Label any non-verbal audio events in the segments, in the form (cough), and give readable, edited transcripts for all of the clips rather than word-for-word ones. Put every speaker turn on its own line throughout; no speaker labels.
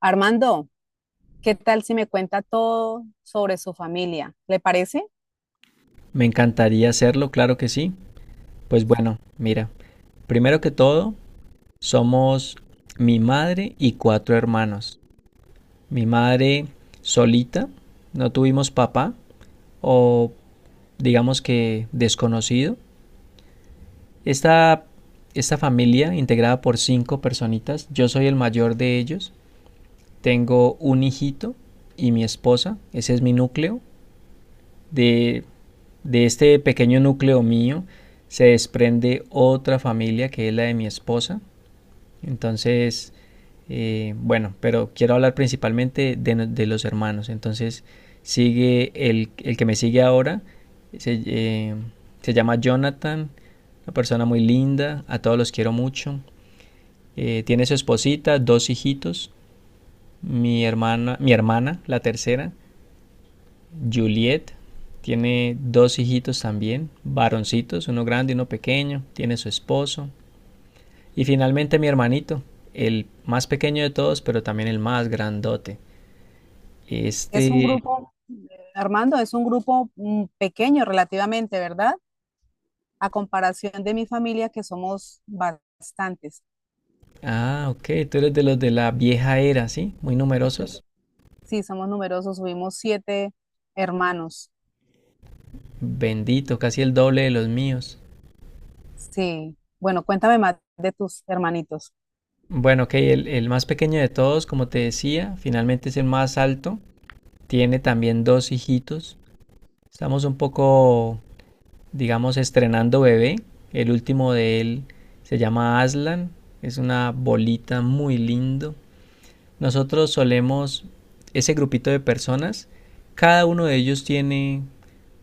Armando, ¿qué tal si me cuenta todo sobre su familia? ¿Le parece?
Me encantaría hacerlo, claro que sí. Pues bueno, mira, primero que todo, somos mi madre y cuatro hermanos. Mi madre solita, no tuvimos papá o digamos que desconocido. Esta, esta familia integrada por cinco personitas, yo soy el mayor de ellos, tengo un hijito y mi esposa, ese es mi núcleo. De, de este pequeño núcleo mío se desprende otra familia que es la de mi esposa. Entonces, bueno, pero quiero hablar principalmente de, no- de los hermanos. Entonces, sigue el que me sigue ahora, se, eh, se llama Jonathan, una persona muy linda, a todos los quiero mucho. Tiene su esposita, dos hijitos, mi hermana, la tercera, Juliet tiene dos hijitos también, varoncitos, uno grande y uno pequeño, tiene su esposo. Y finalmente mi hermanito, el más pequeño de todos, pero también el más grandote.
Es un
Este...
grupo, Armando, es un grupo pequeño relativamente, ¿verdad? A comparación de mi familia, que somos bastantes.
Ah, ok, tú eres de los de la vieja era, ¿sí? Muy numerosos.
Sí, somos numerosos, subimos siete hermanos.
Bendito, casi el doble de los míos.
Sí, bueno, cuéntame más de tus hermanitos.
Bueno, ok, el más pequeño de todos, como te decía, finalmente es el más alto. Tiene también dos hijitos. Estamos un poco digamos, estrenando bebé. El último de él se llama Aslan. Es una bolita muy lindo. Nosotros solemos, ese grupito de personas, cada uno de ellos tiene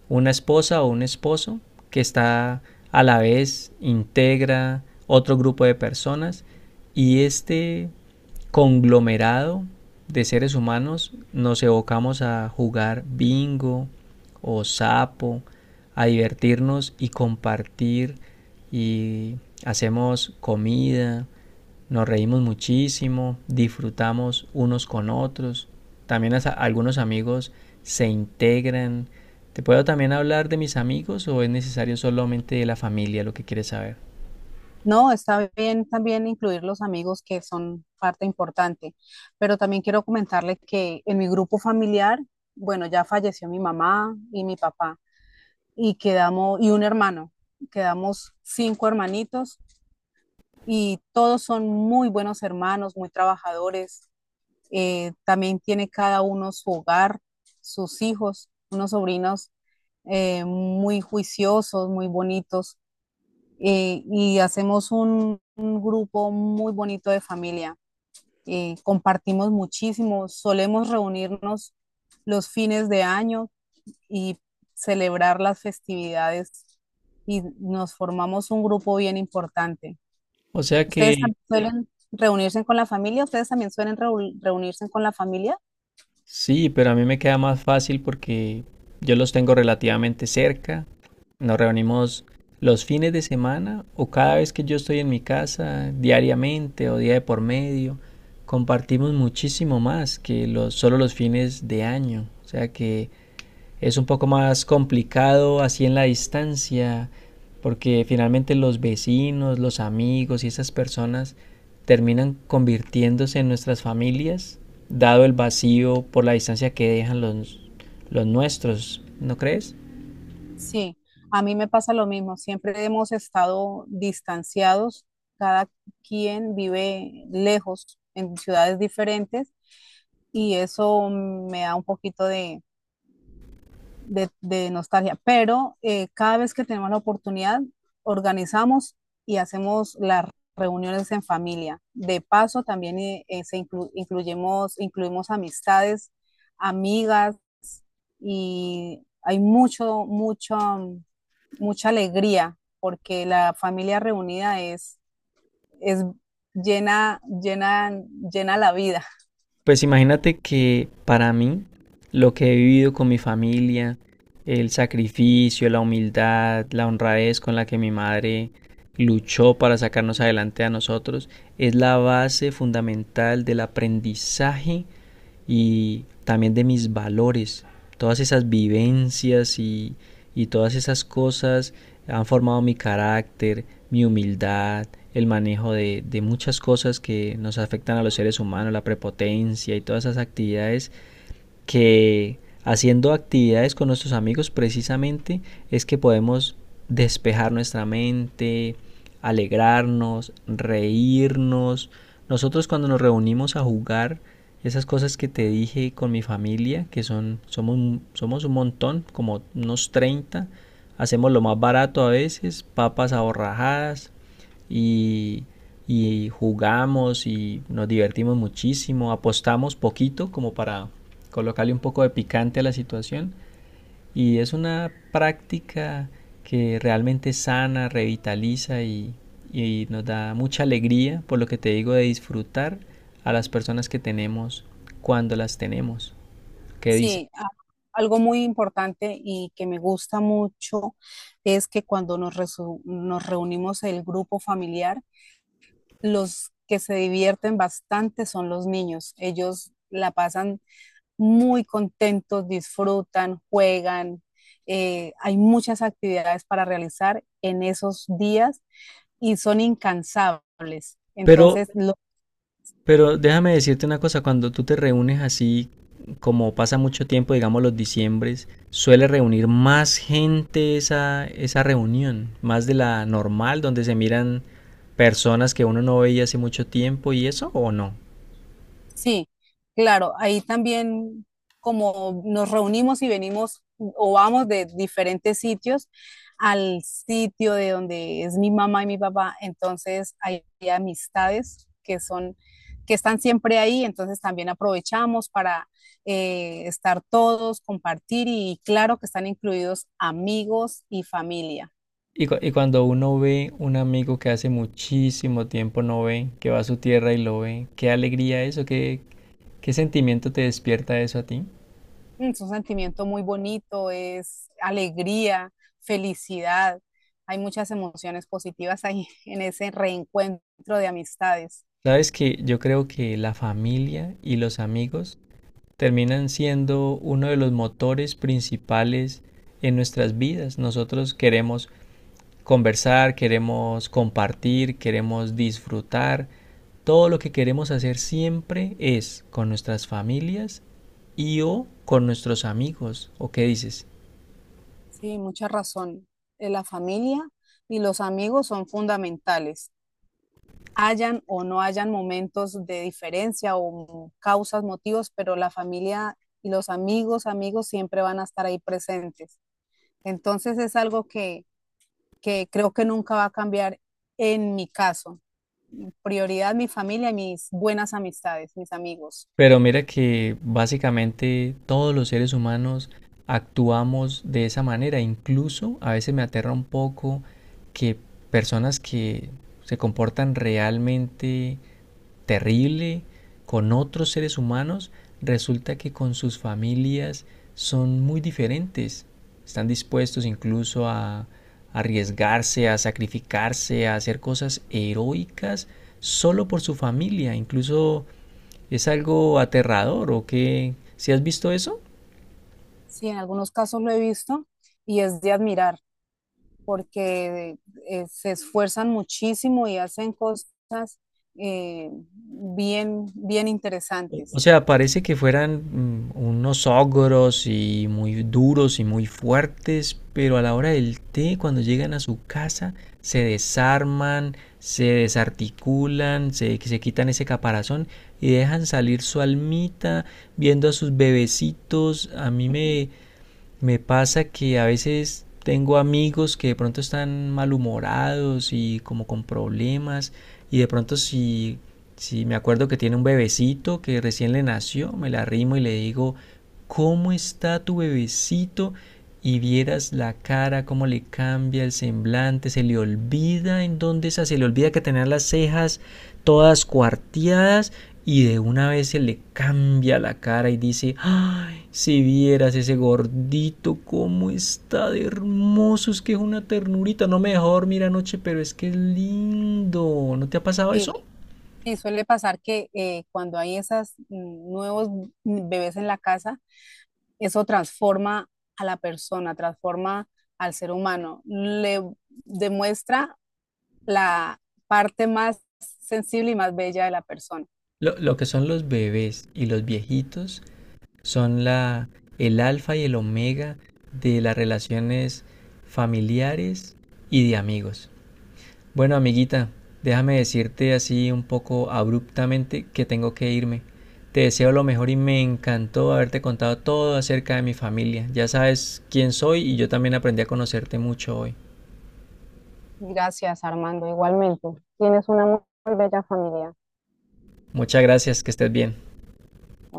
una esposa o un esposo que está a la vez, integra otro grupo de personas y este conglomerado de seres humanos nos evocamos a jugar bingo o sapo, a divertirnos y compartir y hacemos comida, nos reímos muchísimo, disfrutamos unos con otros. También algunos amigos se integran. ¿Te puedo también hablar de mis amigos o es necesario solamente de la familia lo que quieres saber?
No, está bien también incluir los amigos que son parte importante, pero también quiero comentarle que en mi grupo familiar, bueno, ya falleció mi mamá y mi papá y quedamos y un hermano, quedamos cinco hermanitos y todos son muy buenos hermanos, muy trabajadores. También tiene cada uno su hogar, sus hijos, unos sobrinos muy juiciosos, muy bonitos y hacemos un grupo muy bonito de familia. Y compartimos muchísimo, solemos reunirnos los fines de año y celebrar las festividades y nos formamos un grupo bien importante.
O sea que.
¿Suelen reunirse con la familia? ¿Ustedes también reunirse con la familia?
Sí, pero a mí me queda más fácil porque yo los tengo relativamente cerca. Nos reunimos los fines de semana o cada vez que yo estoy en mi casa, diariamente o día de por medio. Compartimos muchísimo más que solo los fines de año. O sea que es un poco más complicado así en la distancia, porque finalmente los vecinos, los amigos y esas personas terminan convirtiéndose en nuestras familias, dado el vacío por la distancia que dejan los nuestros, ¿no crees?
Sí, a mí me pasa lo mismo. Siempre hemos estado distanciados, cada quien vive lejos en ciudades diferentes y eso me da un poquito de nostalgia. Pero cada vez que tenemos la oportunidad, organizamos y hacemos las reuniones en familia. De paso, también incluimos amistades, amigas y hay mucha alegría porque la familia reunida es llena, llena, llena la vida.
Pues imagínate que para mí lo que he vivido con mi familia, el sacrificio, la humildad, la honradez con la que mi madre luchó para sacarnos adelante a nosotros, es la base fundamental del aprendizaje y también de mis valores. Todas esas vivencias y todas esas cosas han formado mi carácter, mi humildad, el manejo de muchas cosas que nos afectan a los seres humanos, la prepotencia y todas esas actividades que haciendo actividades con nuestros amigos precisamente es que podemos despejar nuestra mente, alegrarnos, reírnos. Nosotros cuando nos reunimos a jugar esas cosas que te dije con mi familia, que son somos un montón, como unos 30, hacemos lo más barato a veces, papas aborrajadas, y, y jugamos y nos divertimos muchísimo, apostamos poquito como para colocarle un poco de picante a la situación y es una práctica que realmente sana, revitaliza y nos da mucha alegría por lo que te digo de disfrutar a las personas que tenemos cuando las tenemos. ¿Qué dice?
Sí, a- algo muy importante y que me gusta mucho es que nos reunimos el grupo familiar, los que se divierten bastante son los niños. Ellos la pasan muy contentos, disfrutan, juegan. Hay muchas actividades para realizar en esos días y son incansables.
Pero
Entonces,
Pero déjame decirte una cosa, cuando tú te reúnes así, como pasa mucho tiempo, digamos los diciembres, suele reunir más gente esa reunión, más de la normal, donde se miran personas que uno no veía hace mucho tiempo y eso, ¿o no?
sí, claro, ahí también como nos reunimos y venimos o vamos de diferentes sitios al sitio de donde es mi mamá y mi papá, entonces hay amistades que están siempre ahí, entonces también aprovechamos para estar todos, compartir y claro que están incluidos amigos y familia.
Y cuando uno ve un amigo que hace muchísimo tiempo no ve, que va a su tierra y lo ve, qué alegría eso, qué sentimiento te despierta eso a ti.
Mm. Es un sentimiento muy bonito, es alegría, felicidad. Hay muchas emociones positivas ahí (laughs) en ese reencuentro de amistades.
Sabes que yo creo que la familia y los amigos terminan siendo uno de los motores principales en nuestras vidas. Nosotros queremos conversar, queremos compartir, queremos disfrutar. Todo lo que queremos hacer siempre es con nuestras familias y o con nuestros amigos. ¿O qué dices?
Sí, mucha razón. La familia y los amigos son fundamentales. Hayan o no hayan momentos de diferencia o causas, motivos, pero la familia y los amigos, amigos siempre van a estar ahí presentes. Entonces es algo que creo que nunca va a cambiar en mi caso. Prioridad mi familia y mis buenas amistades, mis amigos.
Pero mira que básicamente todos los seres humanos actuamos de esa manera. Incluso a veces me aterra un poco que personas que se comportan realmente terrible con otros seres humanos, resulta que con sus familias son muy diferentes. Están dispuestos incluso a arriesgarse, a sacrificarse, a hacer cosas heroicas solo por su familia. Incluso. ¿Es algo aterrador o qué? ¿Si has visto eso?
Sí, en algunos casos lo he visto y es de admirar porque se esfuerzan muchísimo y hacen cosas bien
O
interesantes.
sea, parece que fueran unos ogros y muy duros y muy fuertes, pero a la hora del té, cuando llegan a su casa, se desarman, se desarticulan, se quitan ese caparazón y dejan salir su almita viendo a sus bebecitos. Me pasa que a veces tengo amigos que de pronto están malhumorados y como con problemas y de pronto si me acuerdo que tiene un bebecito que recién le nació, me la arrimo y le digo, ¿cómo está tu bebecito? Y vieras la cara, cómo le cambia el semblante, se le olvida en dónde está, se le olvida que tenía las cejas todas cuarteadas y de una vez se le cambia la cara y dice, ay, si vieras ese gordito, cómo está de hermoso, es que es una ternurita, no me dejó dormir anoche, pero es que es lindo, ¿no te ha pasado
Sí,
eso?
sí, suele pasar que cuando hay esos nuevos bebés en la casa, eso transforma a la persona, transforma al ser humano, le demuestra la parte más sensible y más bella de la persona.
Lo que son los bebés y los viejitos son el alfa y el omega de las relaciones familiares y de amigos. Bueno, amiguita, déjame decirte así un poco abruptamente que tengo que irme. Te deseo lo mejor y me encantó haberte contado todo acerca de mi familia. Ya sabes quién soy y yo también aprendí a conocerte mucho hoy.
Gracias, Armando. Igualmente, tienes una muy bella familia.
Muchas gracias, que estés bien.